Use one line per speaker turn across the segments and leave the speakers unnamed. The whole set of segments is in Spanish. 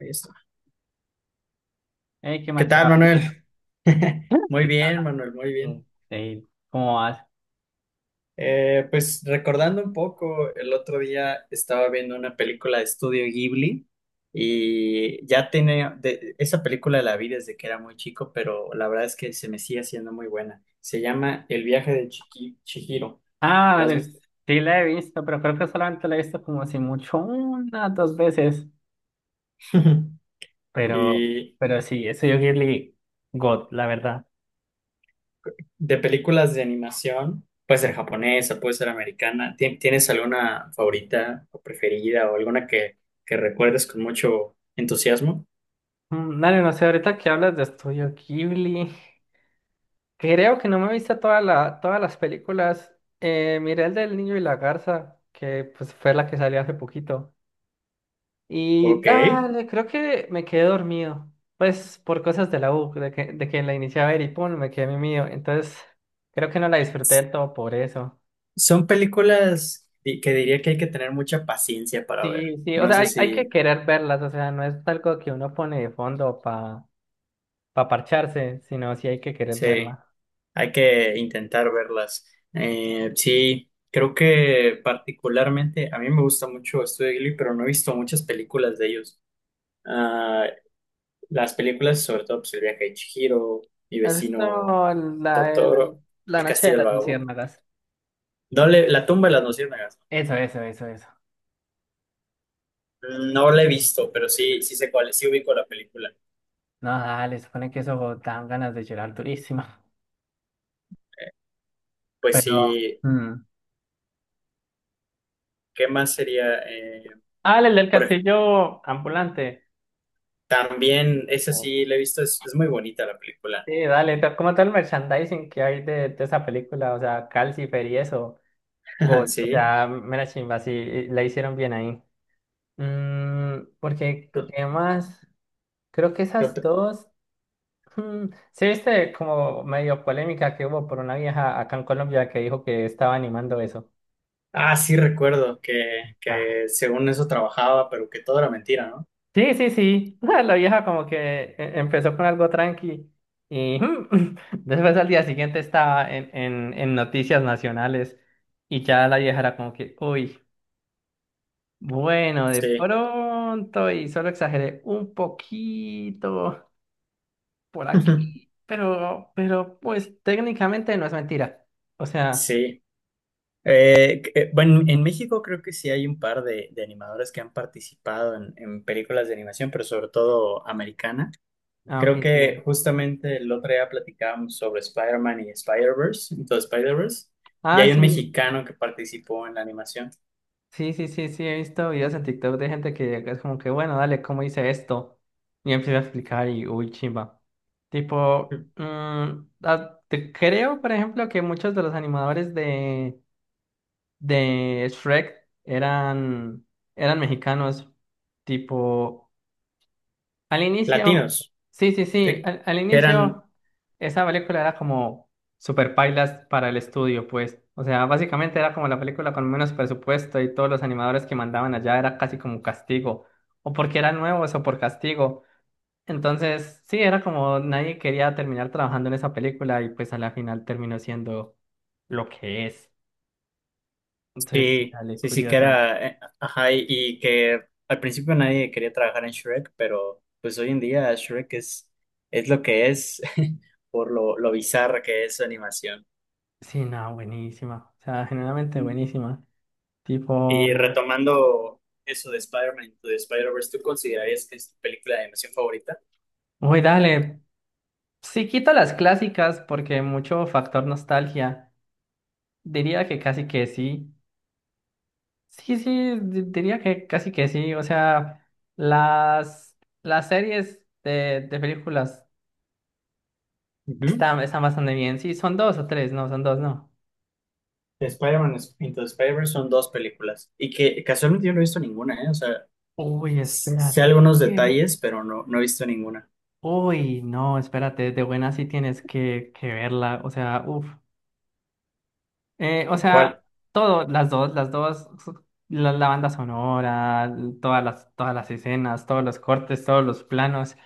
Ahí está.
Qué
¿Qué tal,
machado, bien.
Manuel? Muy
Qué
bien,
caja.
Manuel, muy bien.
Bien. Ey, ¿cómo vas?
Pues recordando un poco, el otro día estaba viendo una película de estudio Ghibli y ya esa película la vi desde que era muy chico, pero la verdad es que se me sigue haciendo muy buena. Se llama El viaje de Chihiro.
Ah,
¿La has
dale,
visto?
sí, la he visto, pero creo que solamente la he visto como si mucho unas dos veces. Pero,
Y
pero sí, Estudio Ghibli, God, la verdad.
de películas de animación, puede ser japonesa, puede ser americana. ¿Tienes alguna favorita o preferida o alguna que recuerdes con mucho entusiasmo?
Mm, dale, no sé, ahorita que hablas de Estudio Ghibli, creo que no me he visto todas las películas. Miré el del niño y la garza, que pues fue la que salió hace poquito. Y
Ok.
dale, creo que me quedé dormido. Pues por cosas de la U, de que la inicié a ver y pum, me quedé mío. Entonces, creo que no la disfruté del todo por eso.
Son películas que diría que hay que tener mucha paciencia para ver.
Sí, sí, o
No
sea,
sé
hay que
si,
querer verlas, o sea, no es algo que uno pone de fondo para parcharse, sino sí hay que querer
sí,
verla.
hay que intentar verlas. Sí, creo que particularmente a mí me gusta mucho Estudio Ghibli, pero no he visto muchas películas de ellos. Ah, las películas, sobre todo, pues, El viaje de Chihiro, Mi
¿Has visto
vecino
la, de la,
Totoro,
la
El
noche de
castillo del
las
vagabundo.
luciérnagas?
No le, La tumba de las luciérnagas.
Eso, eso, eso, eso.
No la he visto, pero sí, sí sé cuál es, sí ubico la película.
No, dale, supone que eso dan ganas de llorar durísima.
Pues
Pero,
sí,
mm.
¿qué más sería?
Ah, el del
Por ej-
castillo ambulante.
También, esa sí la he visto, es muy bonita la película.
Sí, dale, como todo el merchandising que hay de esa película, o sea, Calcifer y eso, God, o
Sí.
sea, mera chimba, sí, la hicieron bien ahí. Porque, ¿qué
Tot-
más? Creo que esas
Tot-
dos, mm, sí, viste como medio polémica que hubo por una vieja acá en Colombia que dijo que estaba animando eso.
Ah, sí recuerdo que según eso trabajaba, pero que todo era mentira, ¿no?
Sí, sí, sí. La vieja como que empezó con algo tranqui y después al día siguiente estaba en noticias nacionales y ya la vieja era como que, uy, bueno, de
Sí.
pronto y solo exageré un poquito por aquí, pero pues técnicamente no es mentira. O sea,
Sí. Bueno, en México creo que sí hay un par de animadores que han participado en películas de animación, pero sobre todo americana.
ah, ok,
Creo
sí, dale.
que justamente el otro día platicábamos sobre Spider-Man y Spider-Verse, entonces Spider-Verse, y
Ah,
hay
sí.
un mexicano que participó en la animación.
Sí, sí, sí, sí, he visto videos en TikTok de gente que es como que, bueno, dale, ¿cómo hice esto? Y empieza a explicar y, uy, chimba. Tipo, mm, creo, por ejemplo, que muchos de los animadores de Shrek eran, eran mexicanos. Tipo, al inicio,
Latinos,
sí, sí, sí,
sí,
al
que
inicio
eran.
esa película era como super pailas para el estudio, pues. O sea, básicamente era como la película con menos presupuesto y todos los animadores que mandaban allá era casi como un castigo, o porque eran nuevos o por castigo. Entonces, sí, era como nadie quería terminar trabajando en esa película y pues a la final terminó siendo lo que es. Entonces, sí,
Sí,
dale,
sí, sí, que
curioso.
era, ajá, y que al principio nadie quería trabajar en Shrek, pero pues hoy en día Shrek es lo que es por lo bizarra que es su animación.
Sí, no, buenísima. O sea, generalmente buenísima.
Y
Tipo,
retomando eso de Spider-Man, Into the Spider-Verse, ¿tú considerarías que es tu película de animación favorita?
uy, dale. Si quito las clásicas porque mucho factor nostalgia, diría que casi que sí. Sí, sí, diría que casi que sí. O sea, las series de películas
Ujú.
están, están bastante bien. Sí, son dos o tres, no, son dos, no.
De Spider-Man Into the Spider-Verse son dos películas y que casualmente yo no he visto ninguna, ¿eh? O sea,
Uy,
sé
espérate.
algunos
¿Qué?
detalles, pero no he visto ninguna.
Uy, no, espérate, de buena sí tienes que verla. O sea, uff. O sea,
¿Cuál?
todo, las dos, la banda sonora, todas las escenas, todos los cortes, todos los planos,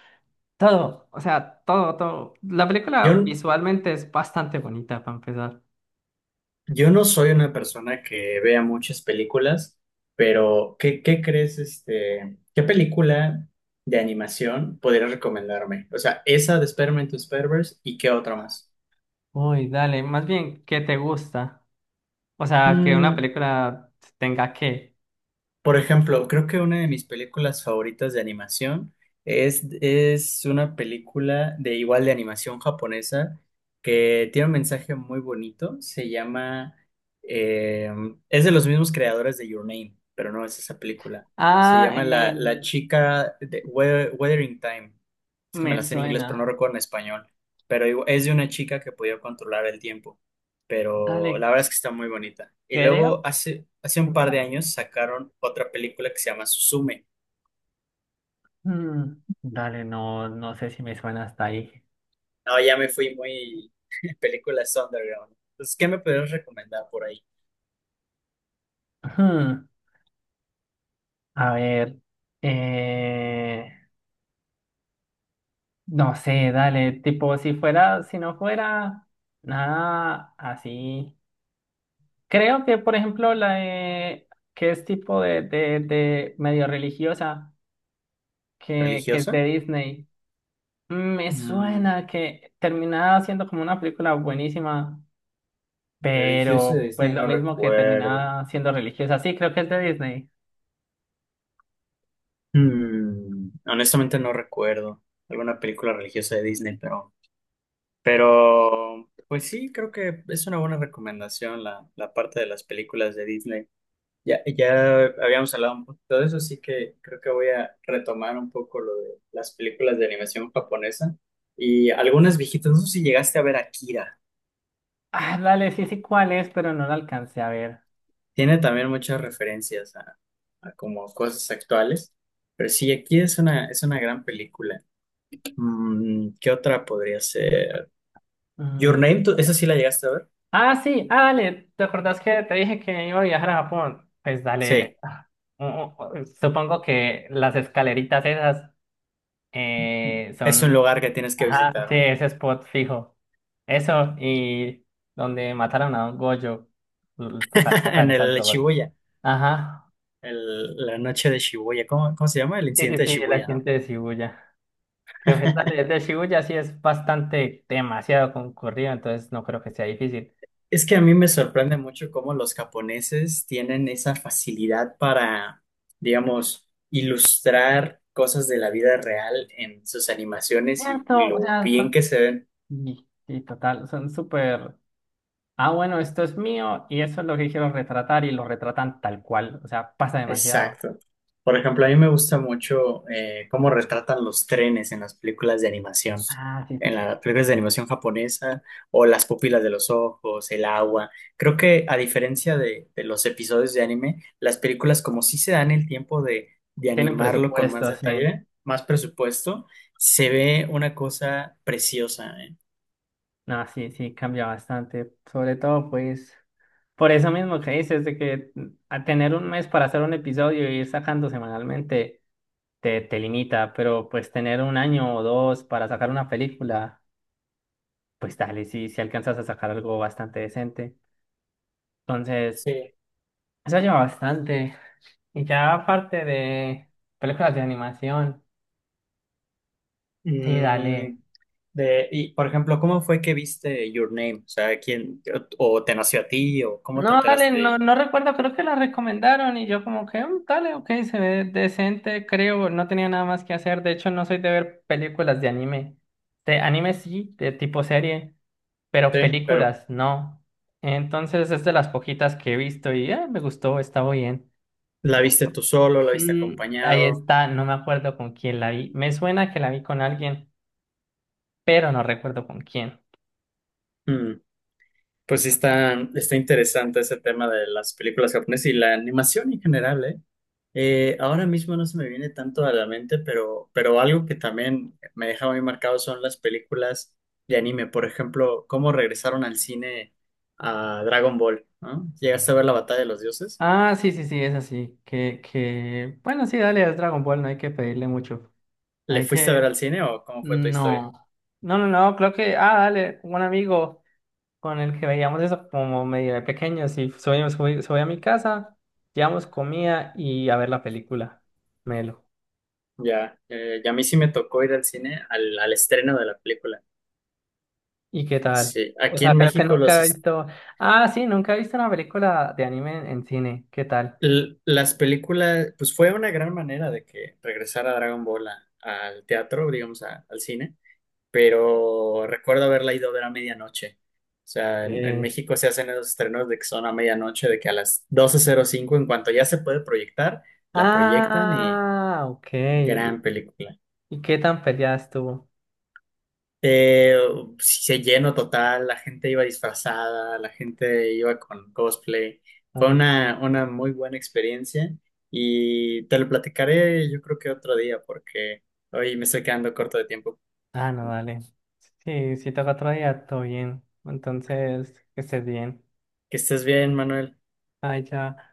todo, o sea, todo, todo. La película
Yo,
visualmente es bastante bonita para empezar.
Yo no soy una persona que vea muchas películas, pero ¿qué crees, este, qué película de animación podrías recomendarme? O sea, esa de Spider-Man to Spider-Verse y qué otra más.
Uy, dale, más bien, ¿qué te gusta? O sea, que una película tenga que.
Por ejemplo, creo que una de mis películas favoritas de animación es una película de igual de animación japonesa que tiene un mensaje muy bonito. Se eh, es de los mismos creadores de Your Name, pero no es esa película. Se
Ah, eh,
llama La chica de Wuthering Time. Es que me
Me
la sé en inglés, pero no
suena.
recuerdo en español. Pero es de una chica que podía controlar el tiempo, pero
Dale,
la verdad es que está muy bonita. Y
creo
luego hace
que
un
me
par
la
de
vi.
años sacaron otra película que se llama Suzume.
Hmm, dale, no sé si me suena hasta ahí.
No, ya me fui muy películas underground. Entonces, ¿qué me podrías recomendar por ahí?
Hmm. A ver, eh, no sé, dale, tipo, si no fuera nada así. Creo que, por ejemplo, que es tipo de medio religiosa, que es de
¿Religiosa?
Disney. Mm, me
Mm,
suena que terminaba siendo como una película buenísima,
religiosa de
pero pues
Disney
lo
no
mismo que
recuerdo.
terminaba siendo religiosa. Sí, creo que es de Disney.
Mm, honestamente no recuerdo alguna película religiosa de Disney, pero pues sí, creo que es una buena recomendación la parte de las películas de Disney. Ya habíamos hablado un poquito de eso, así que creo que voy a retomar un poco lo de las películas de animación japonesa y algunas viejitas. No sé si llegaste a ver Akira.
Ah, dale, sí, sí, cuál es, pero no la alcancé a ver.
Tiene también muchas referencias a como cosas actuales, pero sí, Akira es una gran película. Mm, ¿qué otra podría ser? Your Name, ¿esa sí la llegaste a ver?
Ah, sí, ah, dale, ¿te acordás que te dije que iba a viajar a Japón? Pues dale,
Sí,
ah, supongo que las escaleritas esas
es un
son,
lugar que tienes que
ajá,
visitar,
sí,
¿no?
ese spot fijo. Eso, y donde mataron a un Gojo, tocar, tocar
En
esas
el
dos.
Shibuya,
Ajá,
la noche de Shibuya. ¿Cómo, cómo se llama? El
sí, sí,
incidente de
sí, el
Shibuya, ¿no?
accidente de Shibuya. Que pues dale, el de Shibuya sí es bastante, demasiado concurrido, entonces no creo que sea difícil.
Es que a mí me sorprende mucho cómo los japoneses tienen esa facilidad para, digamos, ilustrar cosas de la vida real en sus animaciones y
Cierto, o
lo
sea,
bien
son...
que se ven.
Y, y total, son súper... ah, bueno, esto es mío y eso es lo que quiero retratar y lo retratan tal cual. O sea, pasa demasiado.
Exacto. Por ejemplo, a mí me gusta mucho, cómo retratan los trenes en las películas de animación,
Ah, sí, sí,
en
sí.
las películas de animación japonesa, o las pupilas de los ojos, el agua. Creo que a diferencia de los episodios de anime, las películas como sí se dan el tiempo de
Tienen
animarlo con más
presupuesto, sí.
detalle, más presupuesto, se ve una cosa preciosa, ¿eh?
No, sí, sí, cambia bastante. Sobre todo, pues, por eso mismo que dices, de que mm, a tener un mes para hacer un episodio y ir sacando semanalmente te limita, pero pues tener un año o dos para sacar una película, pues dale, sí, si alcanzas a sacar algo bastante decente. Entonces,
Sí.
eso lleva bastante. Y ya aparte de películas de animación, sí,
Mm,
dale.
por ejemplo, ¿cómo fue que viste Your Name? O sea, ¿o o te nació a ti, o cómo te
No, dale,
enteraste de ella?
no recuerdo, creo que la recomendaron y yo como que, "Mm, dale, ok, se ve decente, creo, no tenía nada más que hacer. De hecho, no soy de ver películas de anime. De anime sí, de tipo serie, pero
Sí, pero
películas no. Entonces es de las poquitas que he visto y me gustó, estaba bien.
¿la viste tú solo, la viste
Mm, ahí
acompañado?
está, no me acuerdo con quién la vi. Me suena que la vi con alguien, pero no recuerdo con quién.
Mm. Pues sí está, está interesante ese tema de las películas japonesas y la animación en general, ¿eh? Ahora mismo no se me viene tanto a la mente, pero algo que también me deja muy marcado son las películas de anime. Por ejemplo, cómo regresaron al cine a Dragon Ball, ¿no? ¿Llegaste a ver la Batalla de los Dioses?
Ah, sí, sí, sí, es así. Que, bueno, sí, dale, es Dragon Ball, no hay que pedirle mucho.
¿Le
Hay
fuiste a ver
que,
al cine o cómo fue tu historia?
no. No, no, no, creo que, ah, dale, un amigo con el que veíamos eso como medio de pequeños y soy, subí a mi casa, llevamos comida y a ver la película. Melo.
Ya, y a mí sí me tocó ir al cine al estreno de la película.
¿Y qué tal?
Sí,
O
aquí
sea,
en
creo que
México
nunca he visto, ah, sí, nunca he visto una película de anime en cine. ¿Qué tal?
Las películas, pues fue una gran manera de que regresara Dragon Ball al teatro, digamos, al cine, pero recuerdo haberla ido a ver a medianoche. O sea, en
Eh,
México se hacen esos estrenos de que son a medianoche, de que a las 12:05 en cuanto ya se puede proyectar, la proyectan y
Ah, ok.
gran película.
Y qué tan peleada estuvo?
Eh, sí, se llenó total, la gente iba disfrazada, la gente iba con cosplay. Fue
Muy mal.
una muy buena experiencia y te lo platicaré yo creo que otro día porque hoy me estoy quedando corto de tiempo.
Ah, no, dale. Sí, si toca otro día, todo bien. Entonces, que estés bien.
Que estés bien, Manuel.
Ay, ya.